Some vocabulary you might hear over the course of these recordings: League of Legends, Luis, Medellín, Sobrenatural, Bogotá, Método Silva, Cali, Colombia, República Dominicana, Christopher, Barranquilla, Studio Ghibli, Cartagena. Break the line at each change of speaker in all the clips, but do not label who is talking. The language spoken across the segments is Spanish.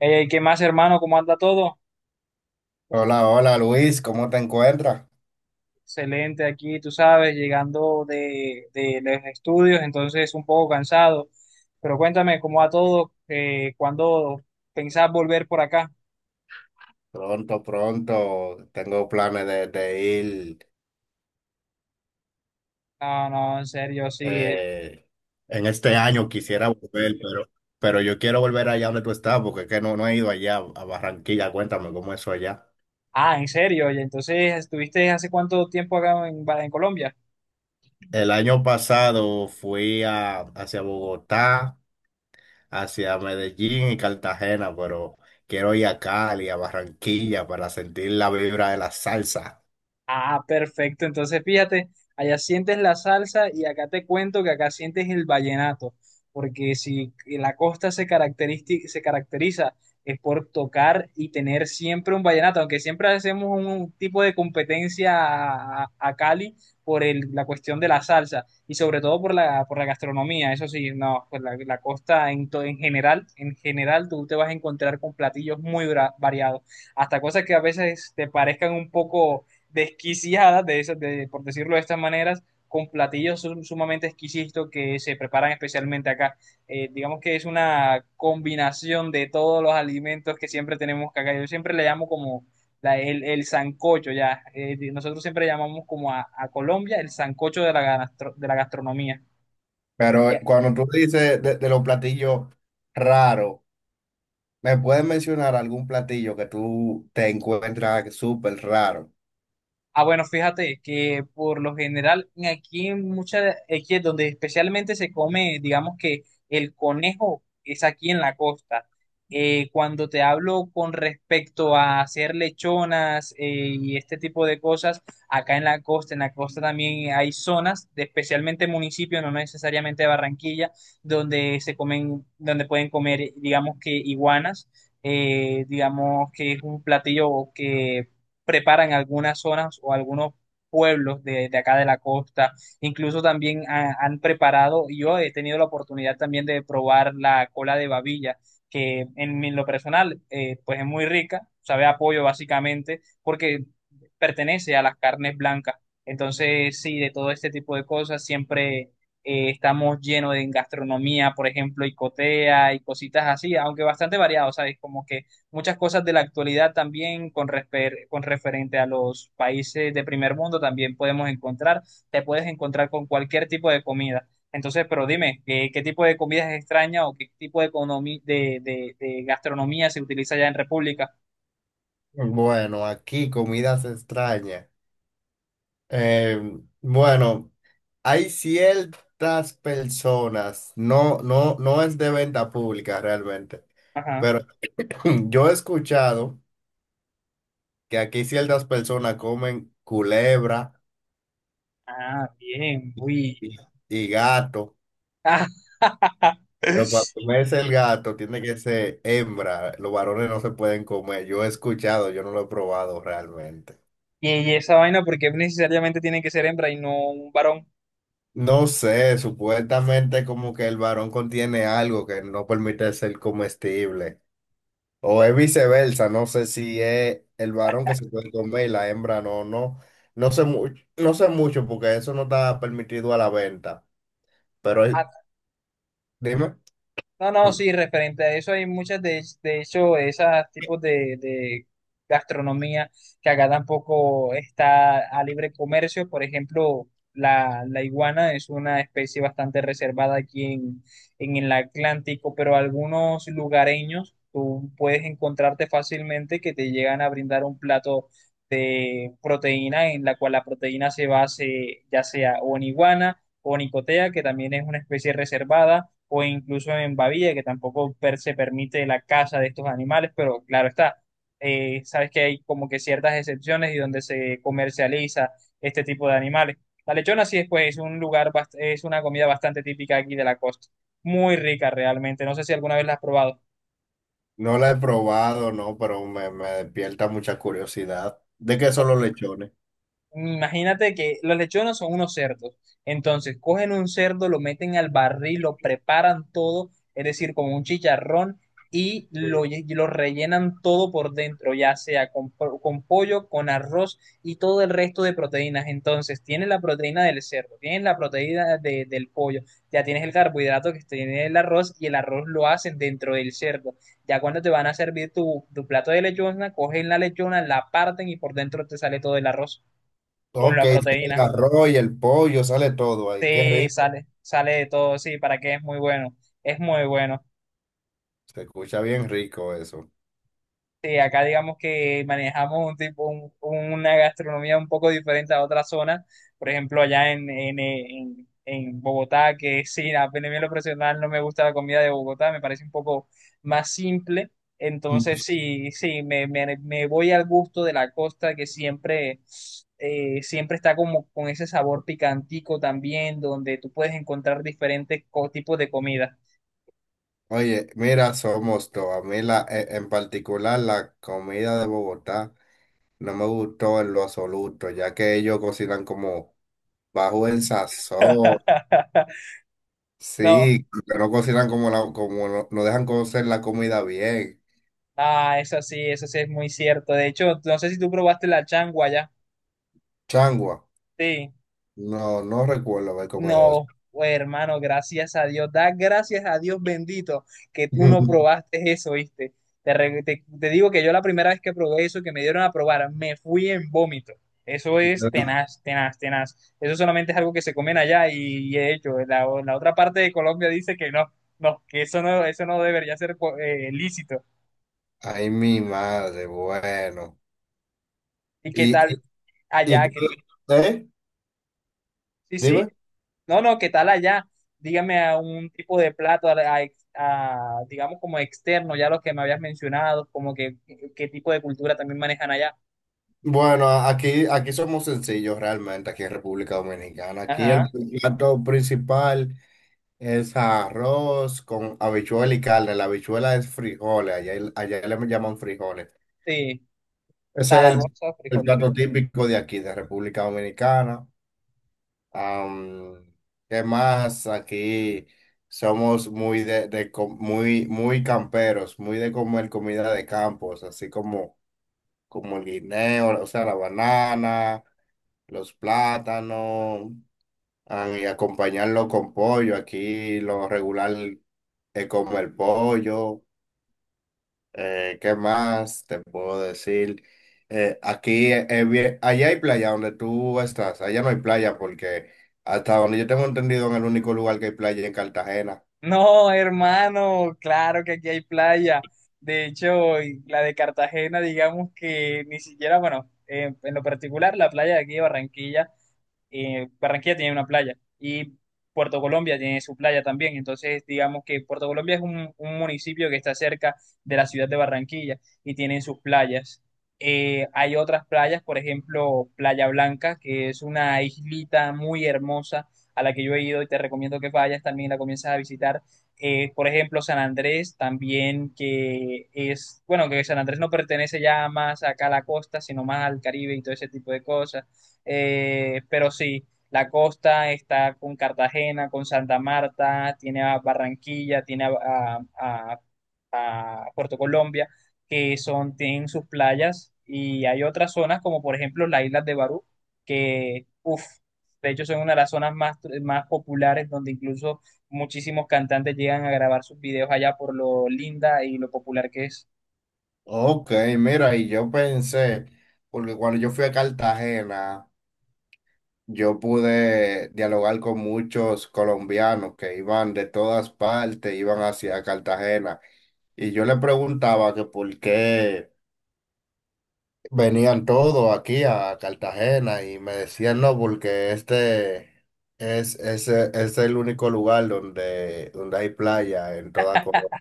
¿Qué más, hermano? ¿Cómo anda todo?
Hola, hola Luis, ¿cómo te encuentras?
Excelente aquí, tú sabes, llegando de los estudios, entonces un poco cansado. Pero cuéntame, ¿cómo va todo? ¿Cuándo pensás volver por acá?
Pronto, pronto, tengo planes de ir
No, no, en serio, sí.
eh, en este año, quisiera volver, pero yo quiero volver allá donde tú estás, porque es que no, no he ido allá a Barranquilla. Cuéntame cómo es eso allá.
Ah, en serio. Y entonces, ¿estuviste hace cuánto tiempo acá en Colombia?
El año pasado fui a, hacia Bogotá, hacia Medellín y Cartagena, pero quiero ir a Cali, a Barranquilla, para sentir la vibra de la salsa.
Ah, perfecto. Entonces, fíjate, allá sientes la salsa y acá te cuento que acá sientes el vallenato, porque si la costa se caracteriza es por tocar y tener siempre un vallenato, aunque siempre hacemos un tipo de competencia a Cali por la cuestión de la salsa y sobre todo por la gastronomía. Eso sí, no, pues la costa en general tú te vas a encontrar con platillos muy variados, hasta cosas que a veces te parezcan un poco desquiciadas, de esas, de, por decirlo de estas maneras, con platillos sumamente exquisitos que se preparan especialmente acá. Digamos que es una combinación de todos los alimentos que siempre tenemos acá. Yo siempre le llamo como el sancocho, ya. Nosotros siempre llamamos como a Colombia el sancocho de de la gastronomía. Y,
Pero cuando tú dices de los platillos raros, ¿me puedes mencionar algún platillo que tú te encuentras súper raro?
Ah, bueno, fíjate que por lo general aquí en muchas, aquí es donde especialmente se come, digamos que el conejo es aquí en la costa. Cuando te hablo con respecto a hacer lechonas y este tipo de cosas, acá en la costa también hay zonas, de especialmente municipios, no necesariamente Barranquilla, donde se comen, donde pueden comer, digamos que iguanas, digamos que es un platillo que preparan algunas zonas o algunos pueblos de acá de la costa. Incluso también han preparado, y yo he tenido la oportunidad también de probar la cola de babilla, que en lo personal, pues es muy rica, sabe a pollo básicamente, porque pertenece a las carnes blancas. Entonces, sí, de todo este tipo de cosas siempre estamos llenos de gastronomía, por ejemplo, y cotea y cositas así, aunque bastante variado, ¿sabes? Como que muchas cosas de la actualidad también con referente a los países de primer mundo también podemos encontrar, te puedes encontrar con cualquier tipo de comida. Entonces, pero dime, ¿qué, qué tipo de comida es extraña o qué tipo de, economi- de gastronomía se utiliza allá en República?
Bueno, aquí comidas extrañas. Eh, bueno, hay ciertas personas, no, no, no es de venta pública realmente,
Ajá.
pero yo he escuchado que aquí ciertas personas comen culebra
Ah, bien, uy.
y y gato.
Ah,
Pero para comerse el gato tiene que ser hembra. Los varones no se pueden comer. Yo he escuchado, yo no lo he probado realmente.
¿y, y esa vaina, porque necesariamente tiene que ser hembra y no un varón?
No sé, supuestamente como que el varón contiene algo que no permite ser comestible. O es viceversa, no sé si es el varón que se puede comer y la hembra no, no. No sé mucho, no sé mucho porque eso no está permitido a la venta. Pero es- Dime.
No, no,
Hmm.
sí, referente a eso hay muchas de hecho, esos tipos de gastronomía que acá tampoco está a libre comercio. Por ejemplo, la iguana es una especie bastante reservada aquí en el Atlántico, pero algunos lugareños tú puedes encontrarte fácilmente que te llegan a brindar un plato de proteína en la cual la proteína se base ya sea o en iguana o en icotea, que también es una especie reservada o incluso en Bavilla, que tampoco se permite la caza de estos animales, pero claro está, sabes que hay como que ciertas excepciones y donde se comercializa este tipo de animales. La lechona sí después es un lugar, es una comida bastante típica aquí de la costa, muy rica realmente, no sé si alguna vez la has probado.
No la he probado, no, pero me despierta mucha curiosidad. ¿De qué son los lechones?
Imagínate que los lechones son unos cerdos. Entonces, cogen un cerdo, lo meten al barril, lo preparan todo, es decir, como un chicharrón, y y lo rellenan todo por dentro, ya sea con pollo, con arroz y todo el resto de proteínas. Entonces, tienes la proteína del cerdo, tienes la proteína del pollo, ya tienes el carbohidrato que tiene el arroz, y el arroz lo hacen dentro del cerdo. Ya cuando te van a servir tu plato de lechona, cogen la lechona, la parten y por dentro te sale todo el arroz con
Ok,
la
sale el
proteína.
arroz y el pollo, sale todo ahí. Qué
Sí,
rico.
sale, sale de todo, sí, para que es muy bueno, es muy bueno.
Se escucha bien rico eso.
Sí, acá digamos que manejamos un tipo, una gastronomía un poco diferente a otras zonas. Por ejemplo, allá en Bogotá, que sí, a mí en lo profesional no me gusta la comida de Bogotá, me parece un poco más simple. Entonces,
Mm.
sí, sí, me voy al gusto de la costa que siempre, siempre está como con ese sabor picantico también, donde tú puedes encontrar diferentes tipos de comida.
Oye, mira, somos todos. A mí en particular la comida de Bogotá no me gustó en lo absoluto, ya que ellos cocinan como bajo el sazón.
No.
Sí, que no cocinan como la, como no, no dejan cocer la comida bien.
Ah, eso sí es muy cierto. De hecho, no sé si tú probaste la changua ya.
Changua.
Sí.
No, no recuerdo haber comido eso.
No, hermano, gracias a Dios. Da gracias a Dios bendito que tú no probaste eso, ¿viste? Te digo que yo la primera vez que probé eso, que me dieron a probar, me fui en vómito. Eso es tenaz, tenaz, tenaz. Eso solamente es algo que se comen allá y de hecho, la otra parte de Colombia dice que no, no, que eso no debería ser lícito.
Ay, mi madre, bueno.
¿Y qué tal
¿Y
allá? Que,
¿Eh?
sí,
Dime.
sí. No, no, ¿qué tal allá? Dígame a un tipo de plato, digamos como externo, ya lo que me habías mencionado, como que qué tipo de cultura también manejan allá.
Bueno, aquí, aquí somos sencillos realmente, aquí en República Dominicana. Aquí
Ajá,
el plato principal es arroz con habichuela y carne. La habichuela es frijoles, allá, allá le llaman frijoles.
sí,
Ese es el,
Zaragoza,
el
frijol.
plato típico de aquí, de República Dominicana. Am, ¿qué más? Aquí somos muy, muy camperos, muy de comer comida de campos, así como como el guineo, o sea, la banana, los plátanos. Ah, y acompañarlo con pollo. Aquí lo regular es como el pollo. ¿Qué más te puedo decir? Allá hay playa donde tú estás, allá no hay playa porque hasta donde yo tengo entendido en el único lugar que hay playa es en Cartagena.
No, hermano, claro que aquí hay playa. De hecho, y la de Cartagena, digamos que ni siquiera, bueno, en lo particular, la playa de aquí de Barranquilla. Barranquilla tiene una playa y Puerto Colombia tiene su playa también. Entonces, digamos que Puerto Colombia es un municipio que está cerca de la ciudad de Barranquilla y tienen sus playas. Hay otras playas, por ejemplo, Playa Blanca, que es una islita muy hermosa a la que yo he ido y te recomiendo que vayas, también la comienzas a visitar. Por ejemplo, San Andrés también, que es, bueno, que San Andrés no pertenece ya más acá a la costa, sino más al Caribe y todo ese tipo de cosas. Pero sí, la costa está con Cartagena, con Santa Marta, tiene a Barranquilla, tiene a Puerto Colombia, que son, tienen sus playas, y hay otras zonas como por ejemplo las islas de Barú, que, uff, de hecho son una de las zonas más, más populares donde incluso muchísimos cantantes llegan a grabar sus videos allá por lo linda y lo popular que es.
Ok, mira, y yo pensé, porque cuando yo fui a Cartagena, yo pude dialogar con muchos colombianos que iban de todas partes, iban hacia Cartagena. Y yo le preguntaba que por qué venían todos aquí a Cartagena y me decían no, porque este es el único lugar donde, donde hay playa en toda Colombia.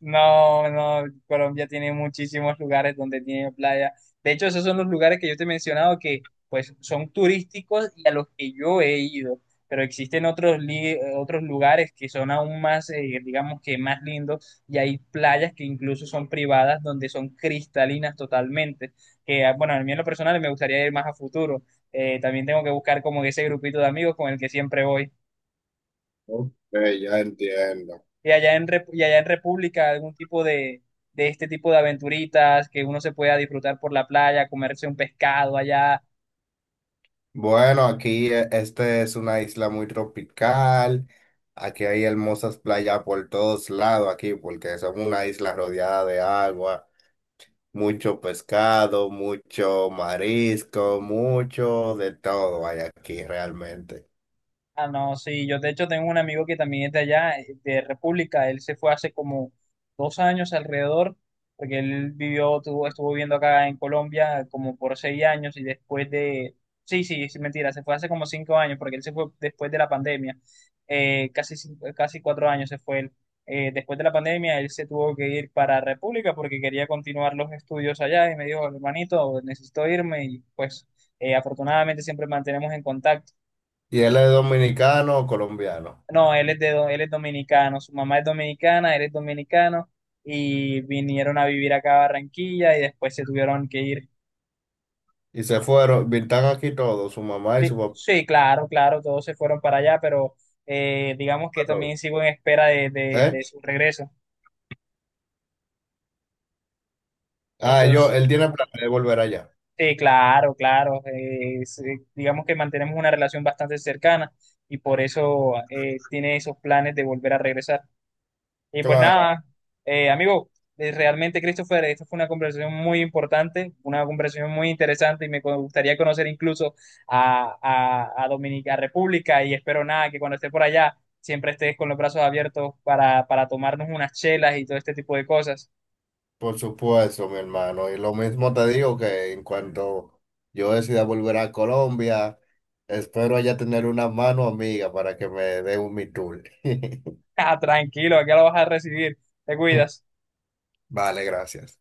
No, no, Colombia tiene muchísimos lugares donde tiene playa. De hecho, esos son los lugares que yo te he mencionado que pues son turísticos y a los que yo he ido, pero existen otros, otros lugares que son aún más, digamos que más lindos y hay playas que incluso son privadas donde son cristalinas totalmente, que ah, bueno, a mí en lo personal me gustaría ir más a futuro. También tengo que buscar como ese grupito de amigos con el que siempre voy.
Ok, ya entiendo.
Y allá en y allá en República, algún tipo de este tipo de aventuritas que uno se pueda disfrutar por la playa, comerse un pescado allá,
Bueno, aquí este es una isla muy tropical. Aquí hay hermosas playas por todos lados aquí, porque somos una isla rodeada de agua, mucho pescado, mucho marisco, mucho de todo hay aquí realmente.
Ah, no, sí, yo de hecho tengo un amigo que también es de allá, de República, él se fue hace como 2 años alrededor, porque él vivió, tuvo, estuvo viviendo acá en Colombia como por 6 años y después de, sí, sí, es mentira, se fue hace como 5 años, porque él se fue después de la pandemia, casi, casi 4 años se fue él. Después de la pandemia él se tuvo que ir para República porque quería continuar los estudios allá y me dijo, hermanito, necesito irme y pues afortunadamente siempre mantenemos en contacto.
Y él es dominicano o colombiano.
No, él es él es dominicano, su mamá es dominicana, él es dominicano y vinieron a vivir acá a Barranquilla y después se tuvieron que ir.
Y se fueron, están aquí todos, su mamá y su
Sí,
papá,
sí, claro, claro, todos se fueron para allá, pero digamos que también
todos.
sigo en espera de,
¿Eh?
de su regreso.
Ah, yo,
Entonces,
él tiene planes de volver allá.
sí, claro, claro, sí, digamos que mantenemos una relación bastante cercana y por eso tiene esos planes de volver a regresar. Y pues
Claro.
nada, amigo, realmente Christopher, esta fue una conversación muy importante, una conversación muy interesante y me gustaría conocer incluso a Dominica República y espero nada que cuando esté por allá siempre estés con los brazos abiertos para tomarnos unas chelas y todo este tipo de cosas.
Por supuesto, mi hermano. Y lo mismo te digo que en cuanto yo decida volver a Colombia, espero allá tener una mano amiga para que me dé un mi tour.
Ah, tranquilo, acá lo vas a recibir, te cuidas.
Vale, gracias.